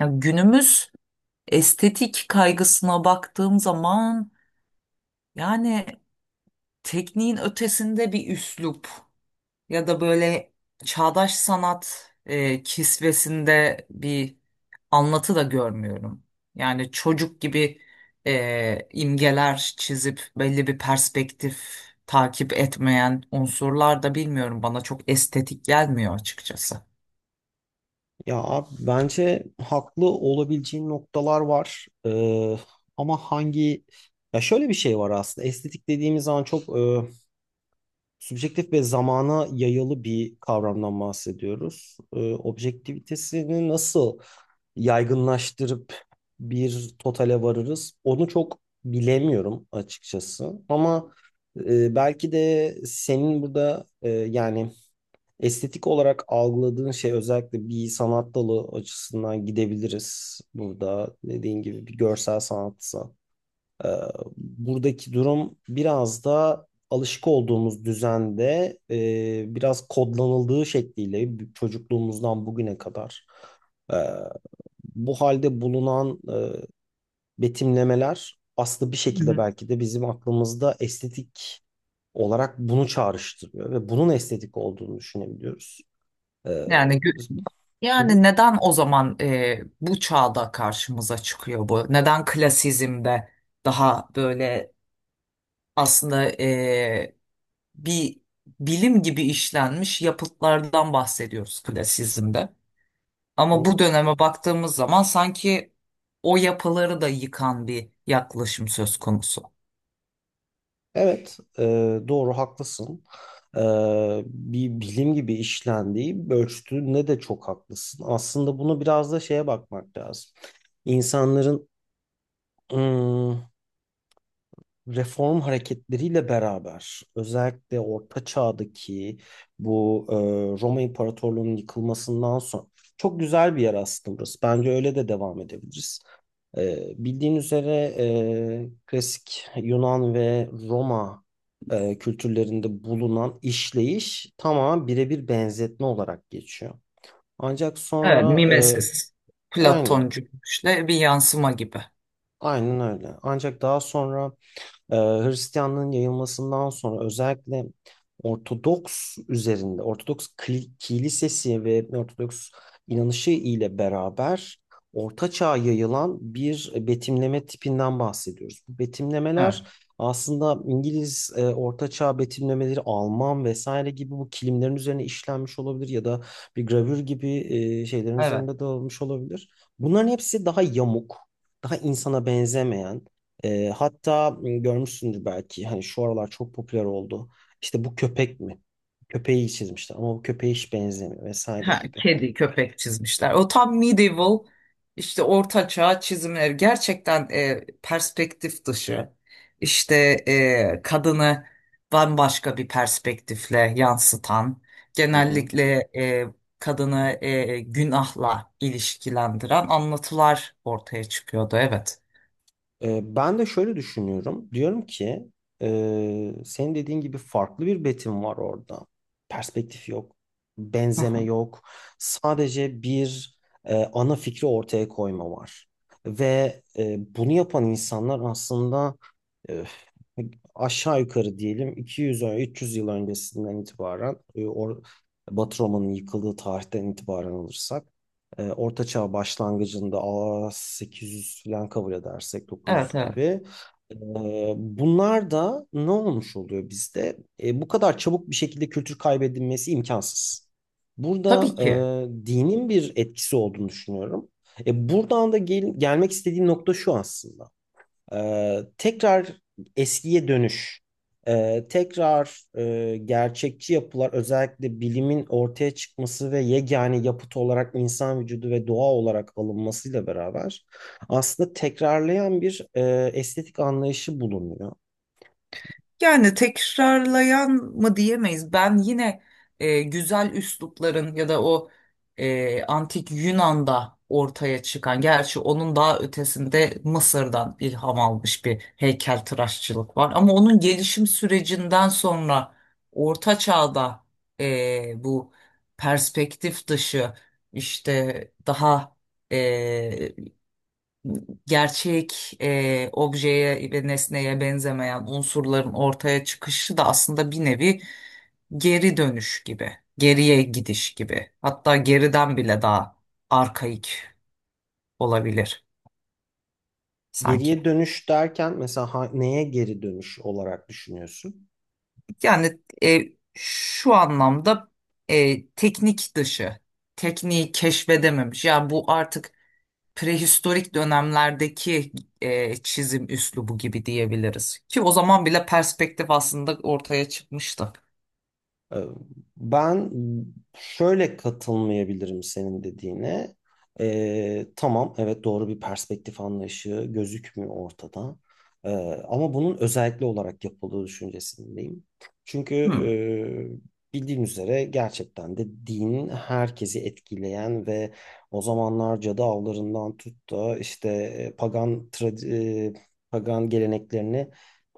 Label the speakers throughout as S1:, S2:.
S1: Ya günümüz estetik kaygısına baktığım zaman yani tekniğin ötesinde bir üslup ya da böyle çağdaş sanat kisvesinde bir anlatı da görmüyorum. Yani çocuk gibi imgeler çizip belli bir perspektif takip etmeyen unsurlar da bilmiyorum, bana çok estetik gelmiyor açıkçası.
S2: Ya abi bence haklı olabileceğin noktalar var. Ama hangi ya şöyle bir şey var aslında. Estetik dediğimiz zaman çok subjektif ve zamana yayalı bir kavramdan bahsediyoruz. Objektivitesini nasıl yaygınlaştırıp bir totale varırız? Onu çok bilemiyorum açıkçası. Ama belki de senin burada yani estetik olarak algıladığın şey özellikle bir sanat dalı açısından gidebiliriz. Burada dediğin gibi bir görsel sanatsa. Ee, Buradaki durum biraz da alışık olduğumuz düzende biraz kodlanıldığı şekliyle çocukluğumuzdan bugüne kadar e, bu halde bulunan betimlemeler aslında bir
S1: Hı
S2: şekilde
S1: hı.
S2: belki de bizim aklımızda estetik olarak bunu çağrıştırıyor ve bunun estetik olduğunu düşünebiliyoruz. Ee,
S1: Yani,
S2: Hı hı.
S1: Neden o zaman bu çağda karşımıza çıkıyor bu? Neden klasizmde daha böyle aslında bir bilim gibi işlenmiş yapıtlardan bahsediyoruz klasizmde? Ama
S2: Hı.
S1: bu döneme baktığımız zaman sanki o yapıları da yıkan bir yaklaşım söz konusu.
S2: Evet, doğru haklısın. E, Bir bilim gibi işlendiği, ölçtüğünde de çok haklısın. Aslında bunu biraz da şeye bakmak lazım. İnsanların ım, reform hareketleriyle beraber, özellikle Orta Çağ'daki bu e, Roma İmparatorluğu'nun yıkılmasından sonra çok güzel bir yer aslında burası. Bence öyle de devam edebiliriz. Bildiğin üzere klasik Yunan ve Roma kültürlerinde bulunan işleyiş tamamen birebir benzetme olarak geçiyor. Ancak
S1: Evet,
S2: sonra e,
S1: mimesis.
S2: aynen,
S1: Platoncu işte, bir yansıma gibi.
S2: aynen öyle. Ancak daha sonra Hristiyanlığın yayılmasından sonra özellikle Ortodoks üzerinde, kilisesi ve Ortodoks inanışı ile beraber Orta Çağ'a yayılan bir betimleme tipinden bahsediyoruz. Bu betimlemeler
S1: Evet,
S2: aslında İngiliz Orta Çağ betimlemeleri, Alman vesaire gibi bu kilimlerin üzerine işlenmiş olabilir ya da bir gravür gibi şeylerin
S1: evet.
S2: üzerinde dağılmış olabilir. Bunların hepsi daha yamuk, daha insana benzemeyen, hatta görmüşsündür belki hani şu aralar çok popüler oldu. İşte bu köpek mi? Köpeği çizmişler ama bu köpeğe hiç benzemiyor vesaire
S1: Ha,
S2: gibi.
S1: kedi, köpek çizmişler. O tam medieval, işte orta çağ çizimleri gerçekten perspektif dışı. İşte kadını bambaşka bir perspektifle yansıtan,
S2: Hı hı.
S1: genellikle kadını günahla ilişkilendiren anlatılar ortaya çıkıyordu. Evet.
S2: E, ben de şöyle düşünüyorum. Diyorum ki senin dediğin gibi farklı bir betim var orada. Perspektif yok,
S1: Hı
S2: benzeme
S1: hı.
S2: yok. Sadece bir ana fikri ortaya koyma var. Ve bunu yapan insanlar aslında aşağı yukarı diyelim 300 yıl öncesinden itibaren Batı Roma'nın yıkıldığı tarihten itibaren alırsak Orta Çağ başlangıcında a 800 falan kabul edersek
S1: Evet,
S2: 900
S1: evet.
S2: gibi e, bunlar da ne olmuş oluyor bizde? E, bu kadar çabuk bir şekilde kültür kaybedilmesi imkansız.
S1: Tabii
S2: Burada
S1: ki.
S2: dinin bir etkisi olduğunu düşünüyorum. E, buradan da gelmek istediğim nokta şu aslında. Tekrar eskiye dönüş, tekrar gerçekçi yapılar, özellikle bilimin ortaya çıkması ve yegane yapıt olarak insan vücudu ve doğa olarak alınmasıyla beraber aslında tekrarlayan bir estetik anlayışı bulunuyor.
S1: Yani tekrarlayan mı diyemeyiz. Ben yine güzel üslupların ya da o antik Yunan'da ortaya çıkan, gerçi onun daha ötesinde Mısır'dan ilham almış bir heykeltıraşçılık var. Ama onun gelişim sürecinden sonra Orta Çağ'da bu perspektif dışı, işte daha e, gerçek objeye ve nesneye benzemeyen unsurların ortaya çıkışı da aslında bir nevi geri dönüş gibi, geriye gidiş gibi. Hatta geriden bile daha arkaik olabilir sanki.
S2: Geriye dönüş derken mesela neye geri dönüş olarak düşünüyorsun?
S1: Yani şu anlamda teknik dışı, tekniği keşfedememiş. Yani bu artık prehistorik dönemlerdeki çizim üslubu gibi diyebiliriz. Ki o zaman bile perspektif aslında ortaya çıkmıştı.
S2: Ee, Ben şöyle katılmayabilirim senin dediğine. Tamam, evet doğru bir perspektif anlayışı gözükmüyor ortada. Ee, Ama bunun özellikle olarak yapıldığı düşüncesindeyim. Çünkü
S1: Hmm.
S2: bildiğin üzere gerçekten de din herkesi etkileyen ve o zamanlar cadı avlarından tut da işte e, pagan geleneklerini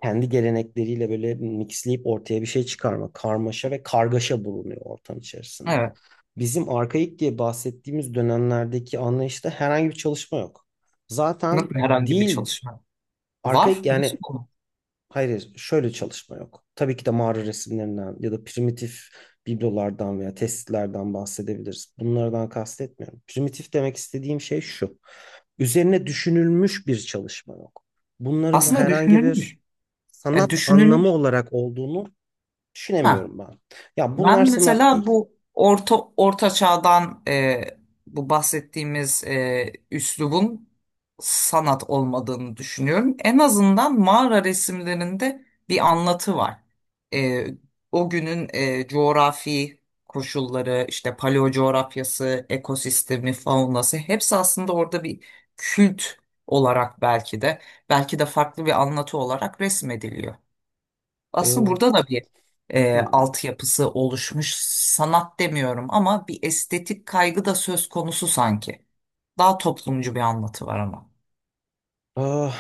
S2: kendi gelenekleriyle böyle mixleyip ortaya bir şey çıkarma, karmaşa ve kargaşa bulunuyor ortam içerisinde.
S1: Evet.
S2: Bizim arkaik diye bahsettiğimiz dönemlerdeki anlayışta herhangi bir çalışma yok. Zaten
S1: Nasıl herhangi bir
S2: dil
S1: çalışma var?
S2: arkaik
S1: Nasıl
S2: yani
S1: bu?
S2: hayır, hayır, şöyle çalışma yok. Tabii ki de mağara resimlerinden ya da primitif biblolardan veya testlerden bahsedebiliriz. Bunlardan kastetmiyorum. Primitif demek istediğim şey şu. Üzerine düşünülmüş bir çalışma yok. Bunların
S1: Aslında
S2: herhangi
S1: düşünülmüş.
S2: bir sanat anlamı
S1: Düşünülmüş.
S2: olarak olduğunu
S1: Ha.
S2: düşünemiyorum ben. Ya
S1: Ben
S2: bunlar sanat
S1: mesela
S2: değil.
S1: bu orta çağdan bu bahsettiğimiz üslubun sanat olmadığını düşünüyorum. En azından mağara resimlerinde bir anlatı var. E, O günün coğrafi koşulları, işte paleo coğrafyası, ekosistemi, faunası hepsi aslında orada bir kült olarak, belki de belki de farklı bir anlatı olarak resmediliyor. Aslında
S2: Ee,
S1: burada da bir
S2: hmm.
S1: altyapısı oluşmuş. Sanat demiyorum ama bir estetik kaygı da söz konusu sanki. Daha toplumcu bir anlatı var ama.
S2: Ah,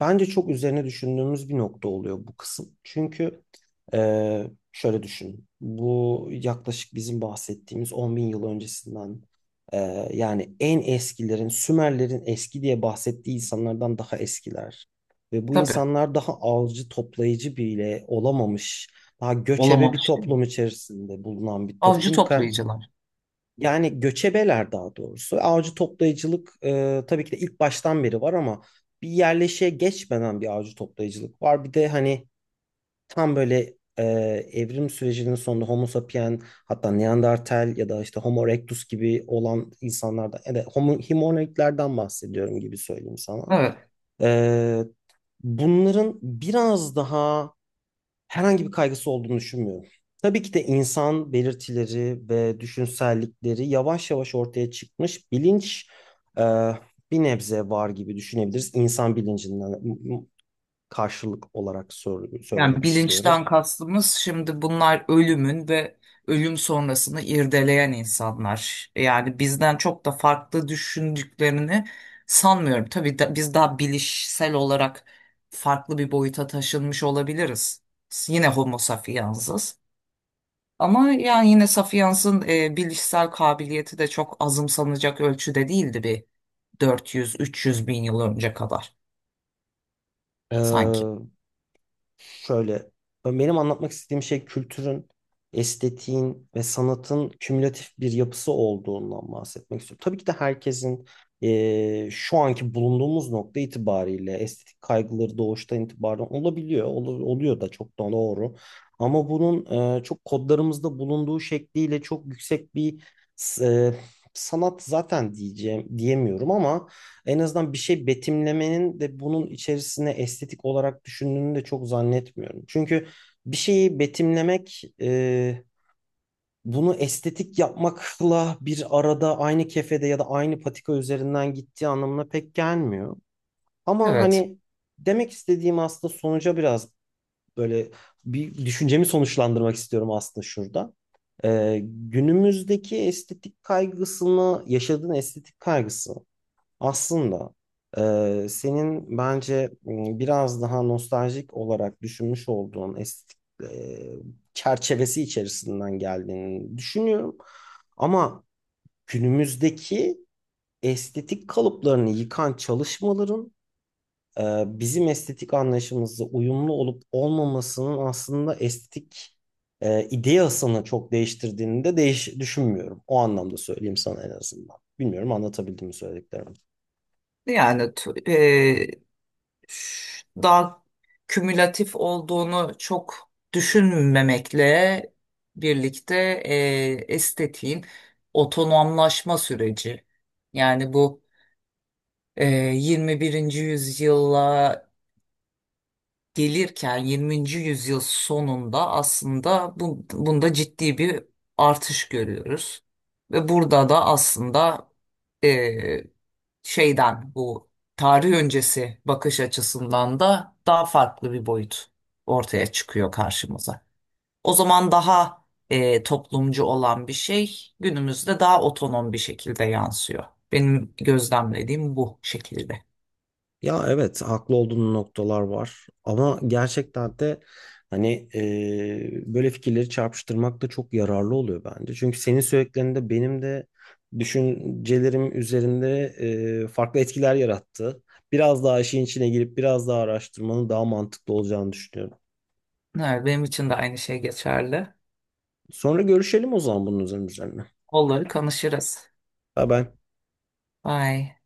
S2: bence çok üzerine düşündüğümüz bir nokta oluyor bu kısım. Çünkü şöyle düşün. Bu yaklaşık bizim bahsettiğimiz 10 bin yıl öncesinden yani en eskilerin, Sümerlerin eski diye bahsettiği insanlardan daha eskiler. Ve bu
S1: Tabii.
S2: insanlar daha avcı toplayıcı bile olamamış, daha göçebe bir
S1: Olamamış değil mi?
S2: toplum içerisinde bulunan bir
S1: Avcı
S2: toplumken
S1: toplayıcılar.
S2: yani göçebeler daha doğrusu. Avcı toplayıcılık tabii ki de ilk baştan beri var ama bir yerleşe geçmeden bir avcı toplayıcılık var. Bir de hani tam böyle evrim sürecinin sonunda Homo sapien hatta Neandertal ya da işte Homo erectus gibi olan insanlardan ya da Homo hominidlerden bahsediyorum gibi söyleyeyim sana.
S1: Evet.
S2: E, Bunların biraz daha herhangi bir kaygısı olduğunu düşünmüyorum. Tabii ki de insan belirtileri ve düşünsellikleri yavaş yavaş ortaya çıkmış bilinç e, bir nebze var gibi düşünebiliriz. İnsan bilincinden karşılık olarak
S1: Yani
S2: söylemek istiyorum.
S1: bilinçten kastımız şimdi, bunlar ölümün ve ölüm sonrasını irdeleyen insanlar. Yani bizden çok da farklı düşündüklerini sanmıyorum. Tabii da, biz daha bilişsel olarak farklı bir boyuta taşınmış olabiliriz. Yine homo sapiens'iz. Ama yani yine sapiens'in bilişsel kabiliyeti de çok azımsanacak ölçüde değildi, bir 400-300 bin yıl önce kadar
S2: E,
S1: sanki.
S2: şöyle, benim anlatmak istediğim şey kültürün, estetiğin ve sanatın kümülatif bir yapısı olduğundan bahsetmek istiyorum. Tabii ki de herkesin şu anki bulunduğumuz nokta itibariyle estetik kaygıları doğuştan itibaren olabiliyor. Oluyor da çok da doğru. Ama bunun çok kodlarımızda bulunduğu şekliyle çok yüksek bir s- e, sanat zaten diyeceğim diyemiyorum ama en azından bir şey betimlemenin de bunun içerisine estetik olarak düşündüğünü de çok zannetmiyorum. Çünkü bir şeyi betimlemek bunu estetik yapmakla bir arada aynı kefede ya da aynı patika üzerinden gittiği anlamına pek gelmiyor. Ama
S1: Evet.
S2: hani demek istediğim aslında sonuca biraz böyle bir düşüncemi sonuçlandırmak istiyorum aslında şurada. Günümüzdeki estetik kaygısını, yaşadığın estetik kaygısı aslında senin bence biraz daha nostaljik olarak düşünmüş olduğun estetik e, çerçevesi içerisinden geldiğini düşünüyorum. Ama günümüzdeki estetik kalıplarını yıkan çalışmaların e, bizim estetik anlayışımızla uyumlu olup olmamasının aslında estetik ideasını çok değiştirdiğini de düşünmüyorum. O anlamda söyleyeyim sana en azından. Bilmiyorum anlatabildim mi söylediklerimi.
S1: Yani daha kümülatif olduğunu çok düşünmemekle birlikte estetiğin otonomlaşma süreci. Yani bu 21. yüzyılla gelirken 20. yüzyıl sonunda aslında bunda ciddi bir artış görüyoruz. Ve burada da aslında eee, şeyden bu tarih öncesi bakış açısından da daha farklı bir boyut ortaya çıkıyor karşımıza. O zaman daha toplumcu olan bir şey günümüzde daha otonom bir şekilde yansıyor. Benim gözlemlediğim bu şekilde.
S2: Ya evet haklı olduğun noktalar var ama gerçekten de hani böyle fikirleri çarpıştırmak da çok yararlı oluyor bence. Çünkü senin söylediklerinde benim de düşüncelerim üzerinde farklı etkiler yarattı. Biraz daha işin içine girip biraz daha araştırmanın daha mantıklı olacağını düşünüyorum.
S1: Evet, benim için de aynı şey geçerli.
S2: Sonra görüşelim o zaman bunun üzerine.
S1: Onları konuşuruz.
S2: Bye bye.
S1: Vay.